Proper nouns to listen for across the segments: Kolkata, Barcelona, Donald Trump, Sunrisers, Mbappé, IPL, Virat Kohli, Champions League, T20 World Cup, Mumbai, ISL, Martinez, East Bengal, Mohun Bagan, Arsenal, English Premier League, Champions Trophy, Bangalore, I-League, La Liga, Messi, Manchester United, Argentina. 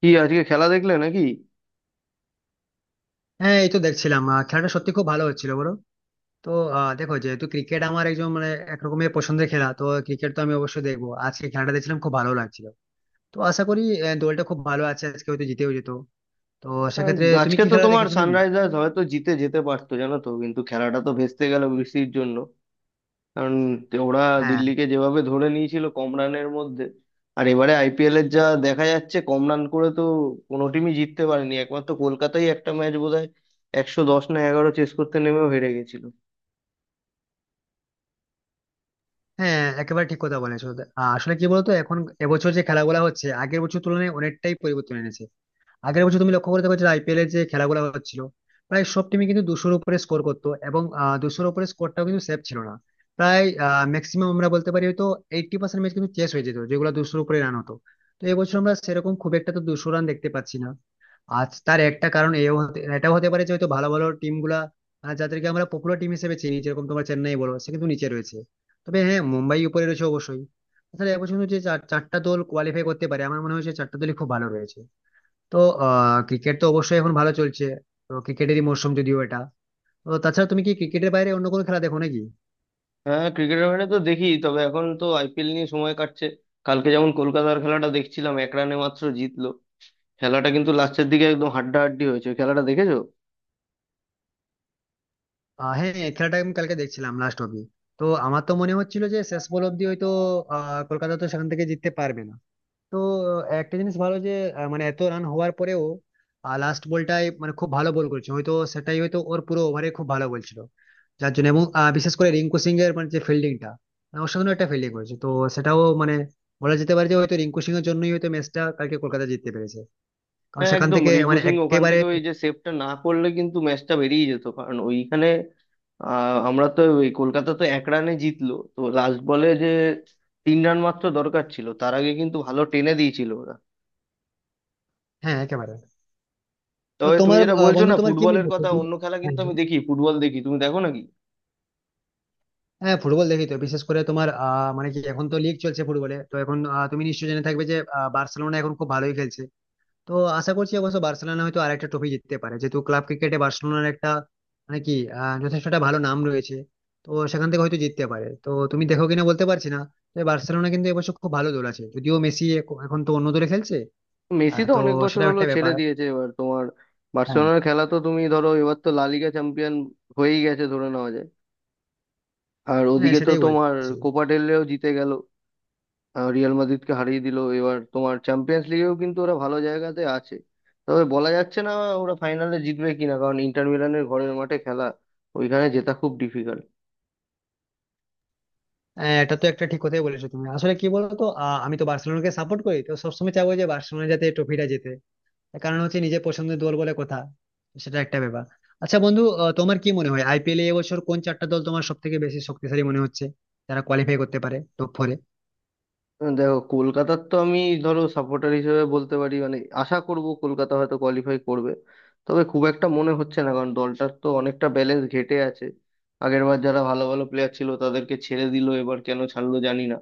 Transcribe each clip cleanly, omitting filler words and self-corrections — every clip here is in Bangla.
কি আজকে খেলা দেখলে নাকি? হ্যাঁ, এই তো দেখছিলাম, খেলাটা সত্যি খুব ভালো হচ্ছিল বলো। তো দেখো, যেহেতু ক্রিকেট আমার একজন মানে একরকমের পছন্দের খেলা, তো ক্রিকেট তো আমি অবশ্যই দেখবো। আজকে খেলাটা দেখছিলাম, খুব ভালো লাগছিল। তো আশা করি দলটা খুব ভালো আছে, আজকে হয়তো জিতেও যেত। তো আহ, সেক্ষেত্রে তুমি আজকে কি তো খেলা তোমার দেখেছো নাকি? সানরাইজার্স হয়তো জিতে যেতে পারতো জানো তো, কিন্তু খেলাটা তো ভেস্তে গেল বৃষ্টির জন্য। কারণ ওরা হ্যাঁ। দিল্লিকে যেভাবে ধরে নিয়েছিল কম রানের মধ্যে। আর এবারে আইপিএল এর যা দেখা যাচ্ছে, কম রান করে তো কোনো টিমই জিততে পারেনি, একমাত্র কলকাতাই একটা ম্যাচ বোধহয় 110 না 11 চেস করতে নেমেও হেরে গেছিল। হ্যাঁ, একেবারে ঠিক কথা বলেছো। আসলে কি বলতো, এখন এবছর যে খেলাগুলো হচ্ছে, আগের বছর তুলনায় অনেকটাই পরিবর্তন এনেছে। আগের বছর তুমি লক্ষ্য করে দেখো যে আইপিএলের যে খেলাগুলো হচ্ছিল, প্রায় সব টিমই কিন্তু দুশোর উপরে স্কোর করতো, এবং দুশোর উপরে স্কোরটাও কিন্তু সেফ ছিল না। প্রায় ম্যাক্সিমাম আমরা বলতে পারি হয়তো 80% ম্যাচ কিন্তু চেস হয়ে যেত, যেগুলো দুশোর উপরে রান হতো। তো এবছর আমরা সেরকম খুব একটা তো দুশো রান দেখতে পাচ্ছি না। আজ তার একটা কারণ এও হতে এটাও হতে পারে যে হয়তো ভালো ভালো টিম গুলা, যাদেরকে আমরা পপুলার টিম হিসেবে চিনি, যেরকম তোমার চেন্নাই বলো, সে কিন্তু নিচে রয়েছে। তবে হ্যাঁ, মুম্বাই উপরে রয়েছে অবশ্যই। তাহলে এবছর কিন্তু যে চারটা দল কোয়ালিফাই করতে পারে, আমার মনে হয় যে চারটা দলই খুব ভালো রয়েছে। তো আহ, ক্রিকেট তো অবশ্যই এখন ভালো চলছে। তো ক্রিকেটেরই মরশুম যদিও এটা। তো তাছাড়া তুমি কি ক্রিকেটের বাইরে অন্য কোনো খেলা দেখো নাকি? হ্যাঁ, ক্রিকেটের বাইরে তো দেখি, তবে এখন তো আইপিএল নিয়ে সময় কাটছে। কালকে যেমন কলকাতার খেলাটা দেখছিলাম, 1 রানে মাত্র জিতলো। খেলাটা কিন্তু লাস্টের দিকে একদম হাড্ডাহাড্ডি হয়েছে, ওই খেলাটা দেখেছো? হ্যাঁ, এই খেলাটা আমি কালকে দেখছিলাম লাস্ট অব্দি। তো আমার তো মনে হচ্ছিল যে শেষ বল অব্দি হয়তো আহ, কলকাতা তো সেখান থেকে জিততে পারবে না। তো একটা জিনিস ভালো যে মানে এত রান হওয়ার পরেও লাস্ট বলটায় মানে খুব ভালো বল করেছে, হয়তো সেটাই, হয়তো ওর পুরো ওভারে খুব ভালো বলছিল। যার জন্য এবং বিশেষ করে রিঙ্কু সিং এর মানে যে ফিল্ডিংটা, অসাধারণ একটা ফিল্ডিং করেছে। তো সেটাও মানে বলা যেতে পারে যে হয়তো রিঙ্কু সিং এর জন্যই হয়তো ম্যাচটা কালকে কলকাতা জিততে পেরেছে। কারণ হ্যাঁ সেখান একদম, থেকে রিকু মানে সিং ওখান একেবারে। থেকে ওই যে সেভটা না করলে কিন্তু ম্যাচটা বেরিয়ে যেত, কারণ ওইখানে আমরা তো ওই, কলকাতা তো 1 রানে জিতলো তো, লাস্ট বলে যে 3 রান মাত্র দরকার ছিল, তার আগে কিন্তু ভালো টেনে দিয়েছিল ওরা। হ্যাঁ, একেবারে। তো তবে তুমি তোমার যেটা বলছো বন্ধু, না তোমার কি মনে ফুটবলের হচ্ছে কথা, যে-? অন্য খেলা হ্যাঁ। কিন্তু আমি দেখি, ফুটবল দেখি, তুমি দেখো নাকি? হ্যাঁ, ফুটবল দেখি তো, বিশেষ করে তোমার মানে কি এখন তো লিগ চলছে ফুটবলে, তো এখন তুমি নিশ্চয়ই জেনে থাকবে যে বার্সেলোনা এখন খুব ভালোই খেলছে। তো আশা করছি অবশ্য বার্সেলোনা হয়তো আরেকটা ট্রফি জিততে পারে, যেহেতু ক্লাব ক্রিকেটে বার্সেলোনার একটা মানে কি যথেষ্ট একটা ভালো নাম রয়েছে। তো সেখান থেকে হয়তো জিততে পারে, তো তুমি দেখো কিনা বলতে পারছি না। তো এই বার্সেলোনা কিন্তু এবছর খুব ভালো দল আছে, যদিও মেসি এখন তো অন্য দলে খেলছে। মেসি তো তো অনেক বছর সেটাও হলো একটা ছেড়ে ব্যাপার। দিয়েছে, এবার তোমার হ্যাঁ। বার্সেলোনার খেলা তো তুমি ধরো, এবার তো লা লিগা চ্যাম্পিয়ন হয়েই গেছে ধরে নেওয়া যায়। আর হ্যাঁ, ওদিকে তো সেটাই তোমার বলছি। কোপা ডেল রেও জিতে গেল, রিয়াল মাদ্রিদকে হারিয়ে দিল। এবার তোমার চ্যাম্পিয়ন্স লিগেও কিন্তু ওরা ভালো জায়গাতে আছে, তবে বলা যাচ্ছে না ওরা ফাইনালে জিতবে কিনা, কারণ ইন্টার মিলানের ঘরের মাঠে খেলা, ওইখানে জেতা খুব ডিফিকাল্ট। হ্যাঁ, এটা তো একটা ঠিক কথাই বলেছো তুমি। আসলে কি বলতো, আমি তো বার্সেলোনাকে সাপোর্ট করি, তো সবসময় চাইবো যে বার্সেলোনা যাতে ট্রফিটা জেতে। তার কারণ হচ্ছে নিজের পছন্দের দল বলে কথা। সেটা একটা ব্যাপার। আচ্ছা বন্ধু, তোমার কি মনে হয় আইপিএল এ এবছর কোন চারটা দল তোমার সব থেকে বেশি শক্তিশালী মনে হচ্ছে, যারা কোয়ালিফাই করতে পারে টপ ফোরে? দেখো কলকাতার তো আমি ধরো সাপোর্টার হিসেবে বলতে পারি, মানে আশা করব কলকাতা হয়তো কোয়ালিফাই করবে, তবে খুব একটা মনে হচ্ছে না কারণ দলটার তো অনেকটা ব্যালেন্স ঘেটে আছে। আগেরবার যারা ভালো ভালো প্লেয়ার ছিল তাদেরকে ছেড়ে দিল, এবার কেন ছাড়লো জানি না।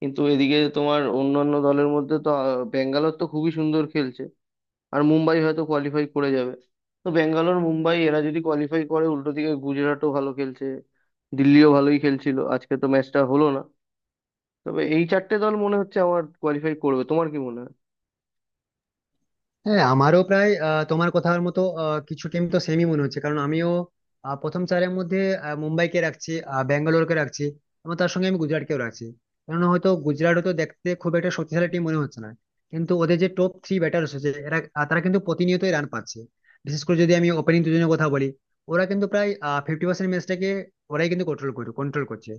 কিন্তু এদিকে তোমার অন্যান্য দলের মধ্যে তো ব্যাঙ্গালোর তো খুবই সুন্দর খেলছে, আর মুম্বাই হয়তো কোয়ালিফাই করে যাবে। তো ব্যাঙ্গালোর মুম্বাই এরা যদি কোয়ালিফাই করে, উল্টো দিকে গুজরাটও ভালো খেলছে, দিল্লিও ভালোই খেলছিল, আজকে তো ম্যাচটা হলো না। তবে এই চারটে দল মনে হচ্ছে আমার কোয়ালিফাই করবে, তোমার কি মনে হয়? হ্যাঁ, আমারও প্রায় তোমার কথার মতো কিছু টিম তো সেমই মনে হচ্ছে, কারণ আমিও প্রথম চারের মধ্যে মুম্বাইকে রাখছি, ব্যাঙ্গালোরকে রাখছি, এবং তার সঙ্গে আমি গুজরাটকেও রাখছি। কারণ হয়তো গুজরাট হয়তো দেখতে খুব একটা শক্তিশালী টিম মনে হচ্ছে না, কিন্তু ওদের যে টপ থ্রি ব্যাটার হচ্ছে এরা, তারা কিন্তু প্রতিনিয়তই রান পাচ্ছে। বিশেষ করে যদি আমি ওপেনিং দুজনের কথা বলি, ওরা কিন্তু প্রায় 50% ম্যাচটাকে ওরাই কিন্তু কন্ট্রোল করছে।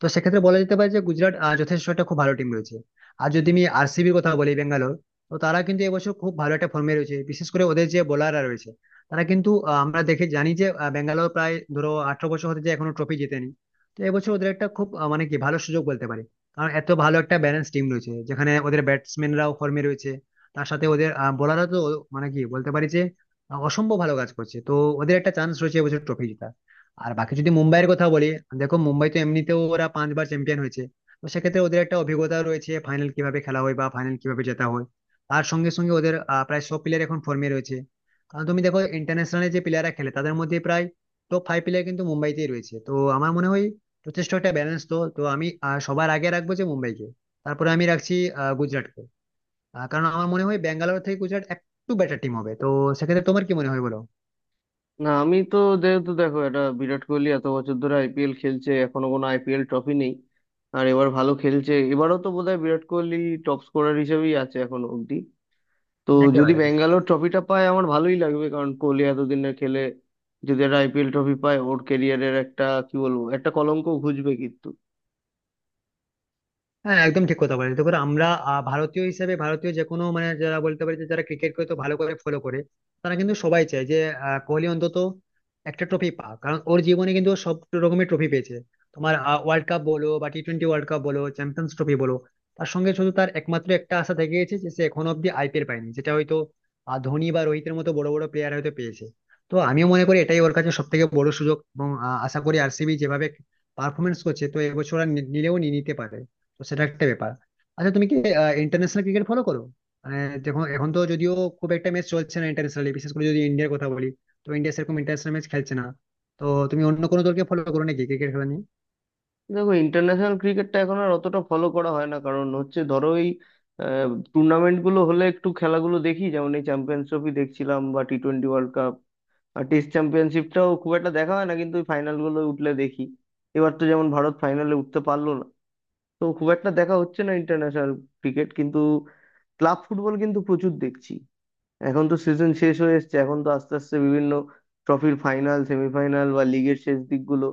তো সেক্ষেত্রে বলা যেতে পারে যে গুজরাট যথেষ্ট একটা খুব ভালো টিম রয়েছে। আর যদি আমি আরসিবির কথা বলি, বেঙ্গালোর, তো তারা কিন্তু এবছর খুব ভালো একটা ফর্মে রয়েছে, বিশেষ করে ওদের যে বোলাররা রয়েছে। তারা কিন্তু আমরা দেখে জানি যে ব্যাঙ্গালোর প্রায় ধরো 18 বছর হতে যে এখনো ট্রফি জেতেনি। তো এবছর ওদের একটা খুব মানে কি ভালো সুযোগ বলতে পারি। কারণ এত ভালো একটা ব্যালেন্স টিম রয়েছে, যেখানে ওদের ব্যাটসম্যানরাও ফর্মে রয়েছে, তার সাথে ওদের বোলাররা তো মানে কি বলতে পারি যে অসম্ভব ভালো কাজ করছে। তো ওদের একটা চান্স রয়েছে এবছর ট্রফি জেতার। আর বাকি যদি মুম্বাইয়ের কথা বলি, দেখো মুম্বাই তো এমনিতেও ওরা পাঁচবার চ্যাম্পিয়ন হয়েছে, তো সেক্ষেত্রে ওদের একটা অভিজ্ঞতা রয়েছে ফাইনাল কিভাবে খেলা হয় বা ফাইনাল কিভাবে জেতা হয়। তার সঙ্গে সঙ্গে ওদের প্রায় সব প্লেয়ার এখন ফর্মে রয়েছে। কারণ তুমি দেখো, ইন্টারন্যাশনালে যে প্লেয়াররা খেলে তাদের মধ্যে প্রায় টপ ফাইভ প্লেয়ার কিন্তু মুম্বাইতেই রয়েছে। তো আমার মনে হয় যথেষ্ট একটা ব্যালেন্স, তো তো আমি সবার আগে রাখবো যে মুম্বাইকে। তারপরে আমি রাখছি গুজরাটকে। কারণ আমার মনে হয় ব্যাঙ্গালোর থেকে গুজরাট একটু বেটার টিম হবে। তো সেক্ষেত্রে তোমার কি মনে হয় বলো? না আমি তো, যেহেতু দেখো এটা বিরাট কোহলি এত বছর ধরে আইপিএল খেলছে, এখনো কোনো আইপিএল ট্রফি নেই। আর এবার ভালো খেলছে, এবারও তো বোধহয় বিরাট কোহলি টপ স্কোরার হিসেবেই আছে এখনো অব্দি। তো যদি একেবারে। ব্যাঙ্গালোর ট্রফিটা পায় আমার ভালোই লাগবে, কারণ কোহলি এতদিনে খেলে যদি একটা আইপিএল ট্রফি পায়, ওর ক্যারিয়ারের একটা কি বলবো, একটা কলঙ্ক ঘুচবে কিন্তু। হ্যাঁ, একদম ঠিক কথা বলে, দেখো আমরা ভারতীয় হিসেবে, ভারতীয় যে কোনো মানে যারা বলতে পারি যে যারা ক্রিকেটকে তো ভালো করে ফলো করে, তারা কিন্তু সবাই চায় যে কোহলি অন্তত একটা ট্রফি পাক। কারণ ওর জীবনে কিন্তু ও সব রকমের ট্রফি পেয়েছে, তোমার ওয়ার্ল্ড কাপ বলো বা টি টোয়েন্টি ওয়ার্ল্ড কাপ বলো, চ্যাম্পিয়ন্স ট্রফি বলো। তার সঙ্গে শুধু তার একমাত্র একটা আশা থেকে গেছে যে সে এখনো অব্দি আইপিএল পায়নি, যেটা হয়তো ধোনি বা রোহিতের মতো বড় বড় প্লেয়ার হয়তো পেয়েছে। তো আমিও মনে করি এটাই ওর কাছে সব থেকে বড় সুযোগ, এবং আশা করি আরসিবি যেভাবে পারফরমেন্স করছে, তো এবছর আর নিলেও নিয়ে নিতে পারে। তো সেটা একটা ব্যাপার। আচ্ছা, তুমি কি ইন্টারন্যাশনাল ক্রিকেট ফলো করো? মানে দেখো, এখন তো যদিও খুব একটা ম্যাচ চলছে না ইন্টারন্যাশনালি, বিশেষ করে যদি ইন্ডিয়ার কথা বলি, তো ইন্ডিয়া সেরকম ইন্টারন্যাশনাল ম্যাচ খেলছে না। তো তুমি অন্য কোনো দলকে ফলো করো নাকি ক্রিকেট খেলা নিয়ে? দেখো ইন্টারন্যাশনাল ক্রিকেটটা এখন আর অতটা ফলো করা হয় না, কারণ হচ্ছে ধরো এই টুর্নামেন্ট গুলো হলে একটু খেলাগুলো দেখি, যেমন এই চ্যাম্পিয়ন্স ট্রফি দেখছিলাম বা টি টোয়েন্টি ওয়ার্ল্ড কাপ। আর টেস্ট চ্যাম্পিয়নশিপটাও খুব একটা দেখা হয় না, কিন্তু ওই ফাইনাল গুলো উঠলে দেখি। এবার তো যেমন ভারত ফাইনালে উঠতে পারলো না, তো খুব একটা দেখা হচ্ছে না ইন্টারন্যাশনাল ক্রিকেট, কিন্তু ক্লাব ফুটবল কিন্তু প্রচুর দেখছি। এখন তো সিজন শেষ হয়ে এসেছে, এখন তো আস্তে আস্তে বিভিন্ন ট্রফির ফাইনাল সেমিফাইনাল বা লিগের শেষ দিকগুলো,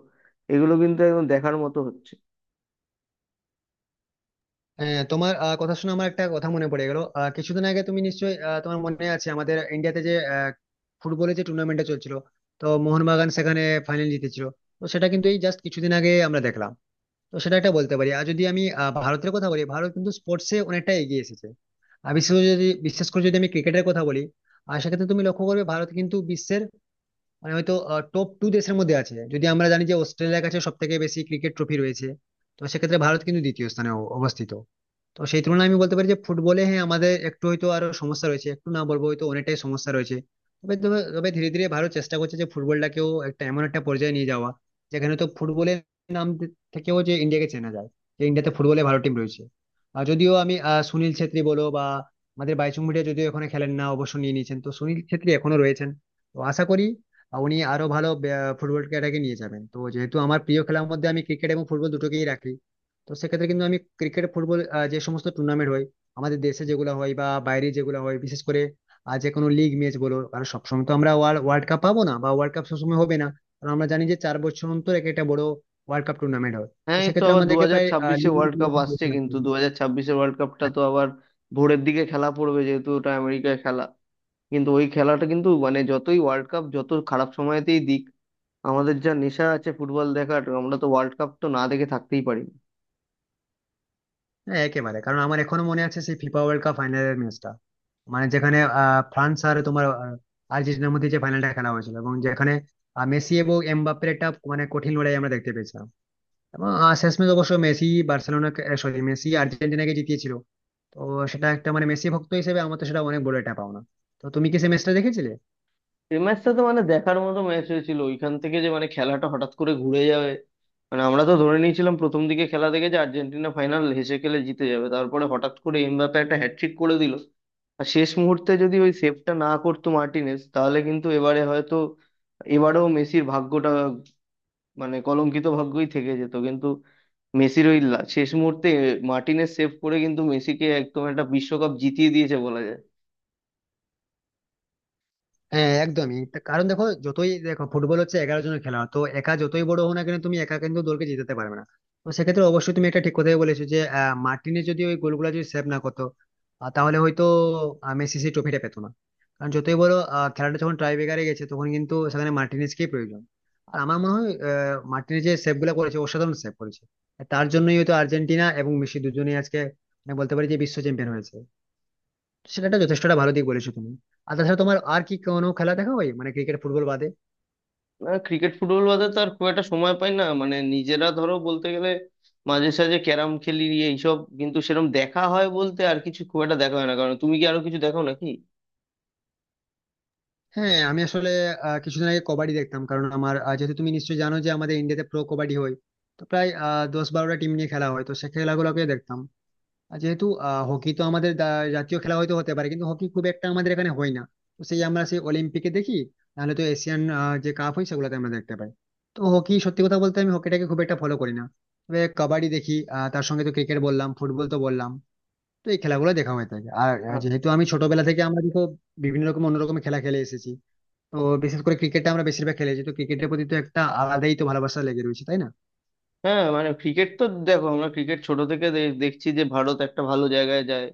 এগুলো কিন্তু একদম দেখার মতো হচ্ছে। হ্যাঁ, তোমার কথা শুনে আমার একটা কথা মনে পড়ে গেল। কিছুদিন আগে তুমি নিশ্চয়ই তোমার মনে আছে আমাদের ইন্ডিয়াতে যে ফুটবলের যে টুর্নামেন্টটা চলছিল, তো মোহনবাগান সেখানে ফাইনাল জিতেছিল। তো সেটা কিন্তু এই জাস্ট কিছুদিন আগে আমরা দেখলাম। তো সেটা একটা বলতে পারি। আর যদি আমি ভারতের কথা বলি, ভারত কিন্তু স্পোর্টসে অনেকটা এগিয়ে এসেছে। আর বিশেষ করে যদি আমি ক্রিকেটের কথা বলি, আর সেক্ষেত্রে তুমি লক্ষ্য করবে ভারত কিন্তু বিশ্বের মানে হয়তো টপ টু দেশের মধ্যে আছে, যদি আমরা জানি যে অস্ট্রেলিয়ার কাছে সব থেকে বেশি ক্রিকেট ট্রফি রয়েছে। তো সেক্ষেত্রে ভারত কিন্তু দ্বিতীয় স্থানে অবস্থিত। তো সেই তুলনায় আমি বলতে পারি যে ফুটবলে, হ্যাঁ, আমাদের একটু হয়তো আরো সমস্যা রয়েছে, একটু না বলবো হয়তো অনেকটাই সমস্যা রয়েছে। তবে তবে তবে ধীরে ধীরে ভারত চেষ্টা করছে যে ফুটবলটাকেও একটা এমন একটা পর্যায়ে নিয়ে যাওয়া, যেখানে তো ফুটবলের নাম থেকেও যে ইন্ডিয়াকে চেনা যায়, যে ইন্ডিয়াতে ফুটবলে ভালো টিম রয়েছে। আর যদিও আমি সুনীল ছেত্রী বলো বা আমাদের বাইচুং ভুটিয়া, যদিও এখানে খেলেন না, অবসর নিয়ে নিয়েছেন, তো সুনীল ছেত্রী এখনো রয়েছেন। তো আশা করি উনি আরো ভালো ফুটবল খেলাটাকে নিয়ে যাবেন। তো যেহেতু আমার প্রিয় খেলার মধ্যে আমি ক্রিকেট এবং ফুটবল দুটোকেই রাখি, তো সেক্ষেত্রে কিন্তু আমি ক্রিকেট ফুটবল যে সমস্ত টুর্নামেন্ট হয় আমাদের দেশে যেগুলো হয় বা বাইরে যেগুলো হয়, বিশেষ করে যে কোনো লিগ ম্যাচ বলো, কারণ সবসময় তো আমরা ওয়ার্ল্ড কাপ পাবো না বা ওয়ার্ল্ড কাপ সবসময় হবে না। কারণ আমরা জানি যে 4 বছর অন্তর এক একটা বড় ওয়ার্ল্ড কাপ টুর্নামেন্ট হয়। তো হ্যাঁ এই তো সেক্ষেত্রে আবার দু আমাদেরকে হাজার প্রায় ছাব্বিশে league এর ওয়ার্ল্ড খেলা কাপ আসছে, দেখতে কিন্তু হবে। 2026-এ ওয়ার্ল্ড কাপটা তো আবার ভোরের দিকে খেলা পড়বে, যেহেতু ওটা আমেরিকায় খেলা। কিন্তু ওই খেলাটা কিন্তু মানে যতই ওয়ার্ল্ড কাপ যত খারাপ সময়তেই দিক, আমাদের যা নেশা আছে ফুটবল দেখার, আমরা তো ওয়ার্ল্ড কাপ তো না দেখে থাকতেই পারি না। হ্যাঁ, একেবারে, কারণ আমার এখনো মনে আছে সেই ফিফা ওয়ার্ল্ড কাপ ফাইনালের ম্যাচটা, মানে যেখানে ফ্রান্স আর তোমার আর্জেন্টিনার মধ্যে যে ফাইনালটা খেলা হয়েছিল, এবং যেখানে মেসি এবং এমবাপ্পের একটা মানে কঠিন লড়াই আমরা দেখতে পেয়েছিলাম। এবং শেষমেশ অবশ্য মেসি বার্সেলোনা, সরি মেসি আর্জেন্টিনাকে জিতিয়েছিল। তো সেটা একটা মানে মেসি ভক্ত হিসেবে আমার তো সেটা অনেক বড় একটা পাওনা। তো তুমি কি সেই ম্যাচটা দেখেছিলে? এই ম্যাচটা তো মানে দেখার মতো ম্যাচ হয়েছিল, ওইখান থেকে যে মানে খেলাটা হঠাৎ করে ঘুরে যাবে, মানে আমরা তো ধরে নিয়েছিলাম প্রথম দিকে খেলা দেখে যে আর্জেন্টিনা ফাইনাল হেসে খেলে জিতে যাবে, তারপরে হঠাৎ করে এমবাপ্পে একটা হ্যাটট্রিক করে দিল। আর শেষ মুহূর্তে যদি ওই সেভটা না করতো মার্টিনেজ, তাহলে কিন্তু এবারে হয়তো এবারেও মেসির ভাগ্যটা, মানে কলঙ্কিত ভাগ্যই থেকে যেত। কিন্তু মেসির ওই শেষ মুহূর্তে মার্টিনেজ সেভ করে কিন্তু মেসিকে একদম একটা বিশ্বকাপ জিতিয়ে দিয়েছে বলা যায়। হ্যাঁ একদমই তা, কারণ দেখো, যতই দেখো ফুটবল হচ্ছে 11 জনের খেলা, তো একা যতই বড় হও না কেন, তুমি একা কিন্তু দলকে জিতাতে পারবে না। তো সেক্ষেত্রে অবশ্যই তুমি একটা ঠিক কথাই বলেছো যে মার্টিনে যদি ওই গোলগুলো যদি সেভ না করতো, তাহলে হয়তো মেসি সেই ট্রফিটা পেতো না। কারণ যতই বড় আহ, খেলাটা যখন টাই ব্রেকারে গেছে, তখন কিন্তু সেখানে মার্টিনেজকেই প্রয়োজন। আর আমার মনে হয় মার্টিনেজ যে সেভ গুলা করেছে, অসাধারণ সেভ করেছে। তার জন্যই হয়তো আর্জেন্টিনা এবং মেসি দুজনেই আজকে মানে বলতে পারি যে বিশ্ব চ্যাম্পিয়ন হয়েছে। সেটা একটা যথেষ্টটা ভালো দিক বলেছো তুমি। আর তাছাড়া তোমার আর কি কোনো খেলা দেখা হয় মানে ক্রিকেট ফুটবল বাদে? না ক্রিকেট ফুটবল বাদে তো আর খুব একটা সময় পাই না, মানে নিজেরা ধরো বলতে গেলে মাঝে সাঝে ক্যারাম খেলি এইসব, কিন্তু সেরকম দেখা হয় বলতে আর কিছু খুব একটা দেখা হয় না। কারণ তুমি কি আরো কিছু দেখো নাকি? হ্যাঁ, আমি আসলে কিছুদিন আগে কবাডি দেখতাম। কারণ আমার যেহেতু তুমি নিশ্চয়ই জানো যে আমাদের ইন্ডিয়াতে প্রো কবাডি হয়, তো প্রায় 10-12টা টিম নিয়ে খেলা হয়, তো সে খেলাগুলোকে দেখতাম। আর যেহেতু হকি তো আমাদের জাতীয় খেলা হয়তো হতে পারে, কিন্তু হকি খুব একটা আমাদের এখানে হয় না। তো সেই আমরা সেই অলিম্পিকে দেখি, নাহলে তো এশিয়ান যে কাপ হয় সেগুলোতে আমরা দেখতে পাই। তো হকি সত্যি কথা বলতে আমি হকিটাকে খুব একটা ফলো করি না, তবে কবাডি দেখি। তার সঙ্গে তো ক্রিকেট বললাম, ফুটবল তো বললাম। তো এই খেলাগুলো দেখা হয়ে থাকে। আর আ- যেহেতু আমি ছোটবেলা থেকে আমরা তো বিভিন্ন রকম অন্য রকম খেলা খেলে এসেছি, তো বিশেষ করে ক্রিকেটটা আমরা বেশিরভাগ খেলেছি, তো ক্রিকেটের প্রতি তো একটা আলাদাই তো ভালোবাসা লেগে রয়েছে তাই না। হ্যাঁ মানে ক্রিকেট তো দেখো, আমরা ক্রিকেট ছোট থেকে দেখছি যে ভারত একটা ভালো জায়গায় যায়।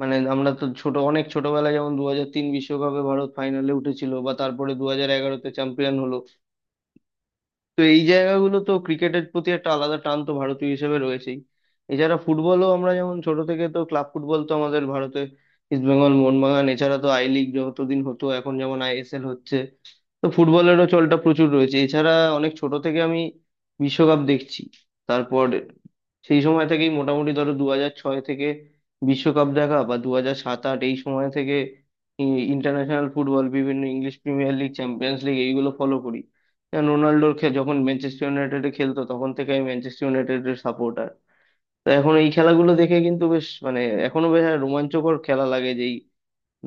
মানে আমরা তো ছোট অনেক ছোটবেলায় যেমন 2003 বিশ্বকাপে ভারত ফাইনালে উঠেছিল, বা তারপরে 2011-তে চ্যাম্পিয়ন হলো। তো এই জায়গাগুলো তো ক্রিকেটের প্রতি একটা আলাদা টান তো ভারতীয় হিসেবে রয়েছেই। এছাড়া ফুটবলও আমরা যেমন ছোট থেকে, তো ক্লাব ফুটবল তো আমাদের ভারতে ইস্ট বেঙ্গল মোহনবাগান, এছাড়া তো আই লিগ যতদিন হতো, এখন যেমন আইএসএল হচ্ছে, তো ফুটবলেরও চলটা প্রচুর রয়েছে। এছাড়া অনেক ছোট থেকে আমি বিশ্বকাপ দেখছি, তারপর সেই সময় থেকেই মোটামুটি ধরো 2006 থেকে বিশ্বকাপ দেখা, বা 2007-08 এই সময় থেকে ইন্টারন্যাশনাল ফুটবল, বিভিন্ন English Premier League Champions League এইগুলো ফলো করি। যেমন রোনাল্ডোর যখন ম্যানচেস্টার ইউনাইটেডে খেলতো, তখন থেকে আমি ম্যানচেস্টার ইউনাইটেডের সাপোর্টার। তো এখন এই খেলাগুলো দেখে কিন্তু বেশ মানে, এখনো বেশ একটা রোমাঞ্চকর খেলা লাগে, যে এই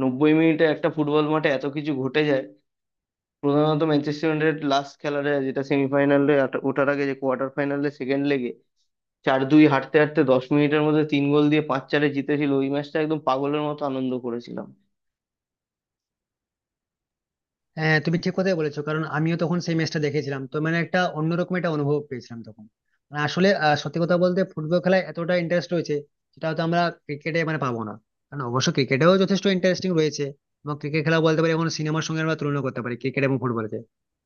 90 মিনিটে একটা ফুটবল মাঠে এত কিছু ঘটে যায়। প্রধানত ম্যানচেস্টার ইউনাইটেড লাস্ট খেলাটা, যেটা সেমিফাইনালে ওঠার আগে যে কোয়ার্টার ফাইনালে সেকেন্ড লেগে 4-2 হাঁটতে হাঁটতে 10 মিনিটের মধ্যে 3 গোল দিয়ে 5-4-এ জিতেছিল, ওই ম্যাচটা একদম পাগলের মতো আনন্দ করেছিলাম। হ্যাঁ, তুমি ঠিক কথাই বলেছো, কারণ আমিও তখন সেই ম্যাচটা দেখেছিলাম, তো মানে একটা অন্যরকম একটা অনুভব পেয়েছিলাম তখন। মানে আসলে সত্যি কথা বলতে ফুটবল খেলায় এতটা ইন্টারেস্ট রয়েছে, যেটা হয়তো আমরা ক্রিকেটে মানে পাবো না। কারণ অবশ্য ক্রিকেটেও যথেষ্ট ইন্টারেস্টিং রয়েছে, এবং ক্রিকেট খেলা বলতে পারি এখন সিনেমার সঙ্গে আমরা তুলনা করতে পারি ক্রিকেট এবং ফুটবলকে।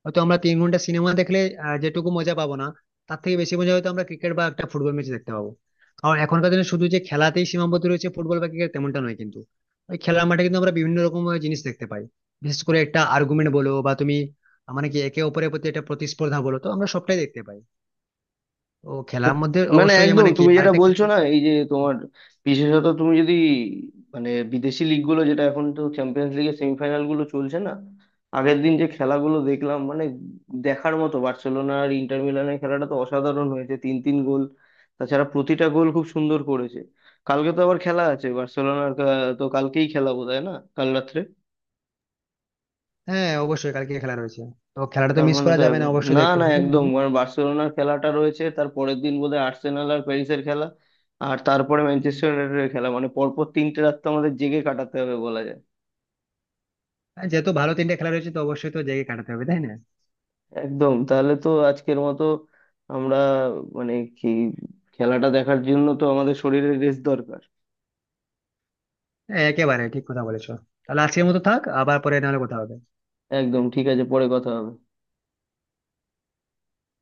হয়তো আমরা 3 ঘন্টা সিনেমা দেখলে যেটুকু মজা পাবো না, তার থেকে বেশি মজা হয়তো আমরা ক্রিকেট বা একটা ফুটবল ম্যাচ দেখতে পাবো। কারণ এখনকার দিনে শুধু যে খেলাতেই সীমাবদ্ধ রয়েছে ফুটবল বা ক্রিকেট তেমনটা নয় কিন্তু, ওই খেলার মাঠে কিন্তু আমরা বিভিন্ন রকম জিনিস দেখতে পাই। বিশেষ করে একটা আর্গুমেন্ট বলো বা তুমি মানে কি একে অপরের প্রতি একটা প্রতিস্পর্ধা বলো, তো আমরা সবটাই দেখতে পাই। তো খেলার মধ্যে মানে অবশ্যই একদম মানে কি তুমি যেটা আরেকটা খেলা। বলছো না এই যে তোমার, বিশেষত তুমি যদি, মানে বিদেশি লিগ গুলো যেটা এখন তো চ্যাম্পিয়ন্স লিগের সেমিফাইনাল গুলো চলছে না, আগের দিন যে খেলাগুলো দেখলাম মানে দেখার মতো, বার্সেলোনা আর ইন্টার মিলানের খেলাটা তো অসাধারণ হয়েছে, 3-3 গোল। তাছাড়া প্রতিটা গোল খুব সুন্দর করেছে। কালকে তো আবার খেলা আছে বার্সেলোনার তো কালকেই খেলা বোধহয় না, কাল রাত্রে। হ্যাঁ, অবশ্যই কালকে খেলা রয়েছে, তো খেলাটা তো তার মিস মানে করা তো যাবে না, এখন, অবশ্যই না দেখতে না হবে। একদম, কারণ বার্সেলোনার খেলাটা রয়েছে, তার পরের দিন বোধহয় আর্সেনাল আর প্যারিসের খেলা, আর তারপরে ম্যানচেস্টার ইউনাইটেডের খেলা, মানে পরপর 3টে রাত তো আমাদের জেগে কাটাতে হবে বলা যায়। হ্যাঁ, যেহেতু ভালো তিনটে খেলা রয়েছে, তো অবশ্যই তো জেগে কাটাতে হবে তাই না। একদম তাহলে তো আজকের মতো, আমরা মানে কি, খেলাটা দেখার জন্য তো আমাদের শরীরের রেস্ট দরকার। হ্যাঁ, একেবারে ঠিক কথা বলেছো। তাহলে আজকের মতো থাক, আবার পরে নাহলে কথা হবে। একদম ঠিক আছে, পরে কথা হবে।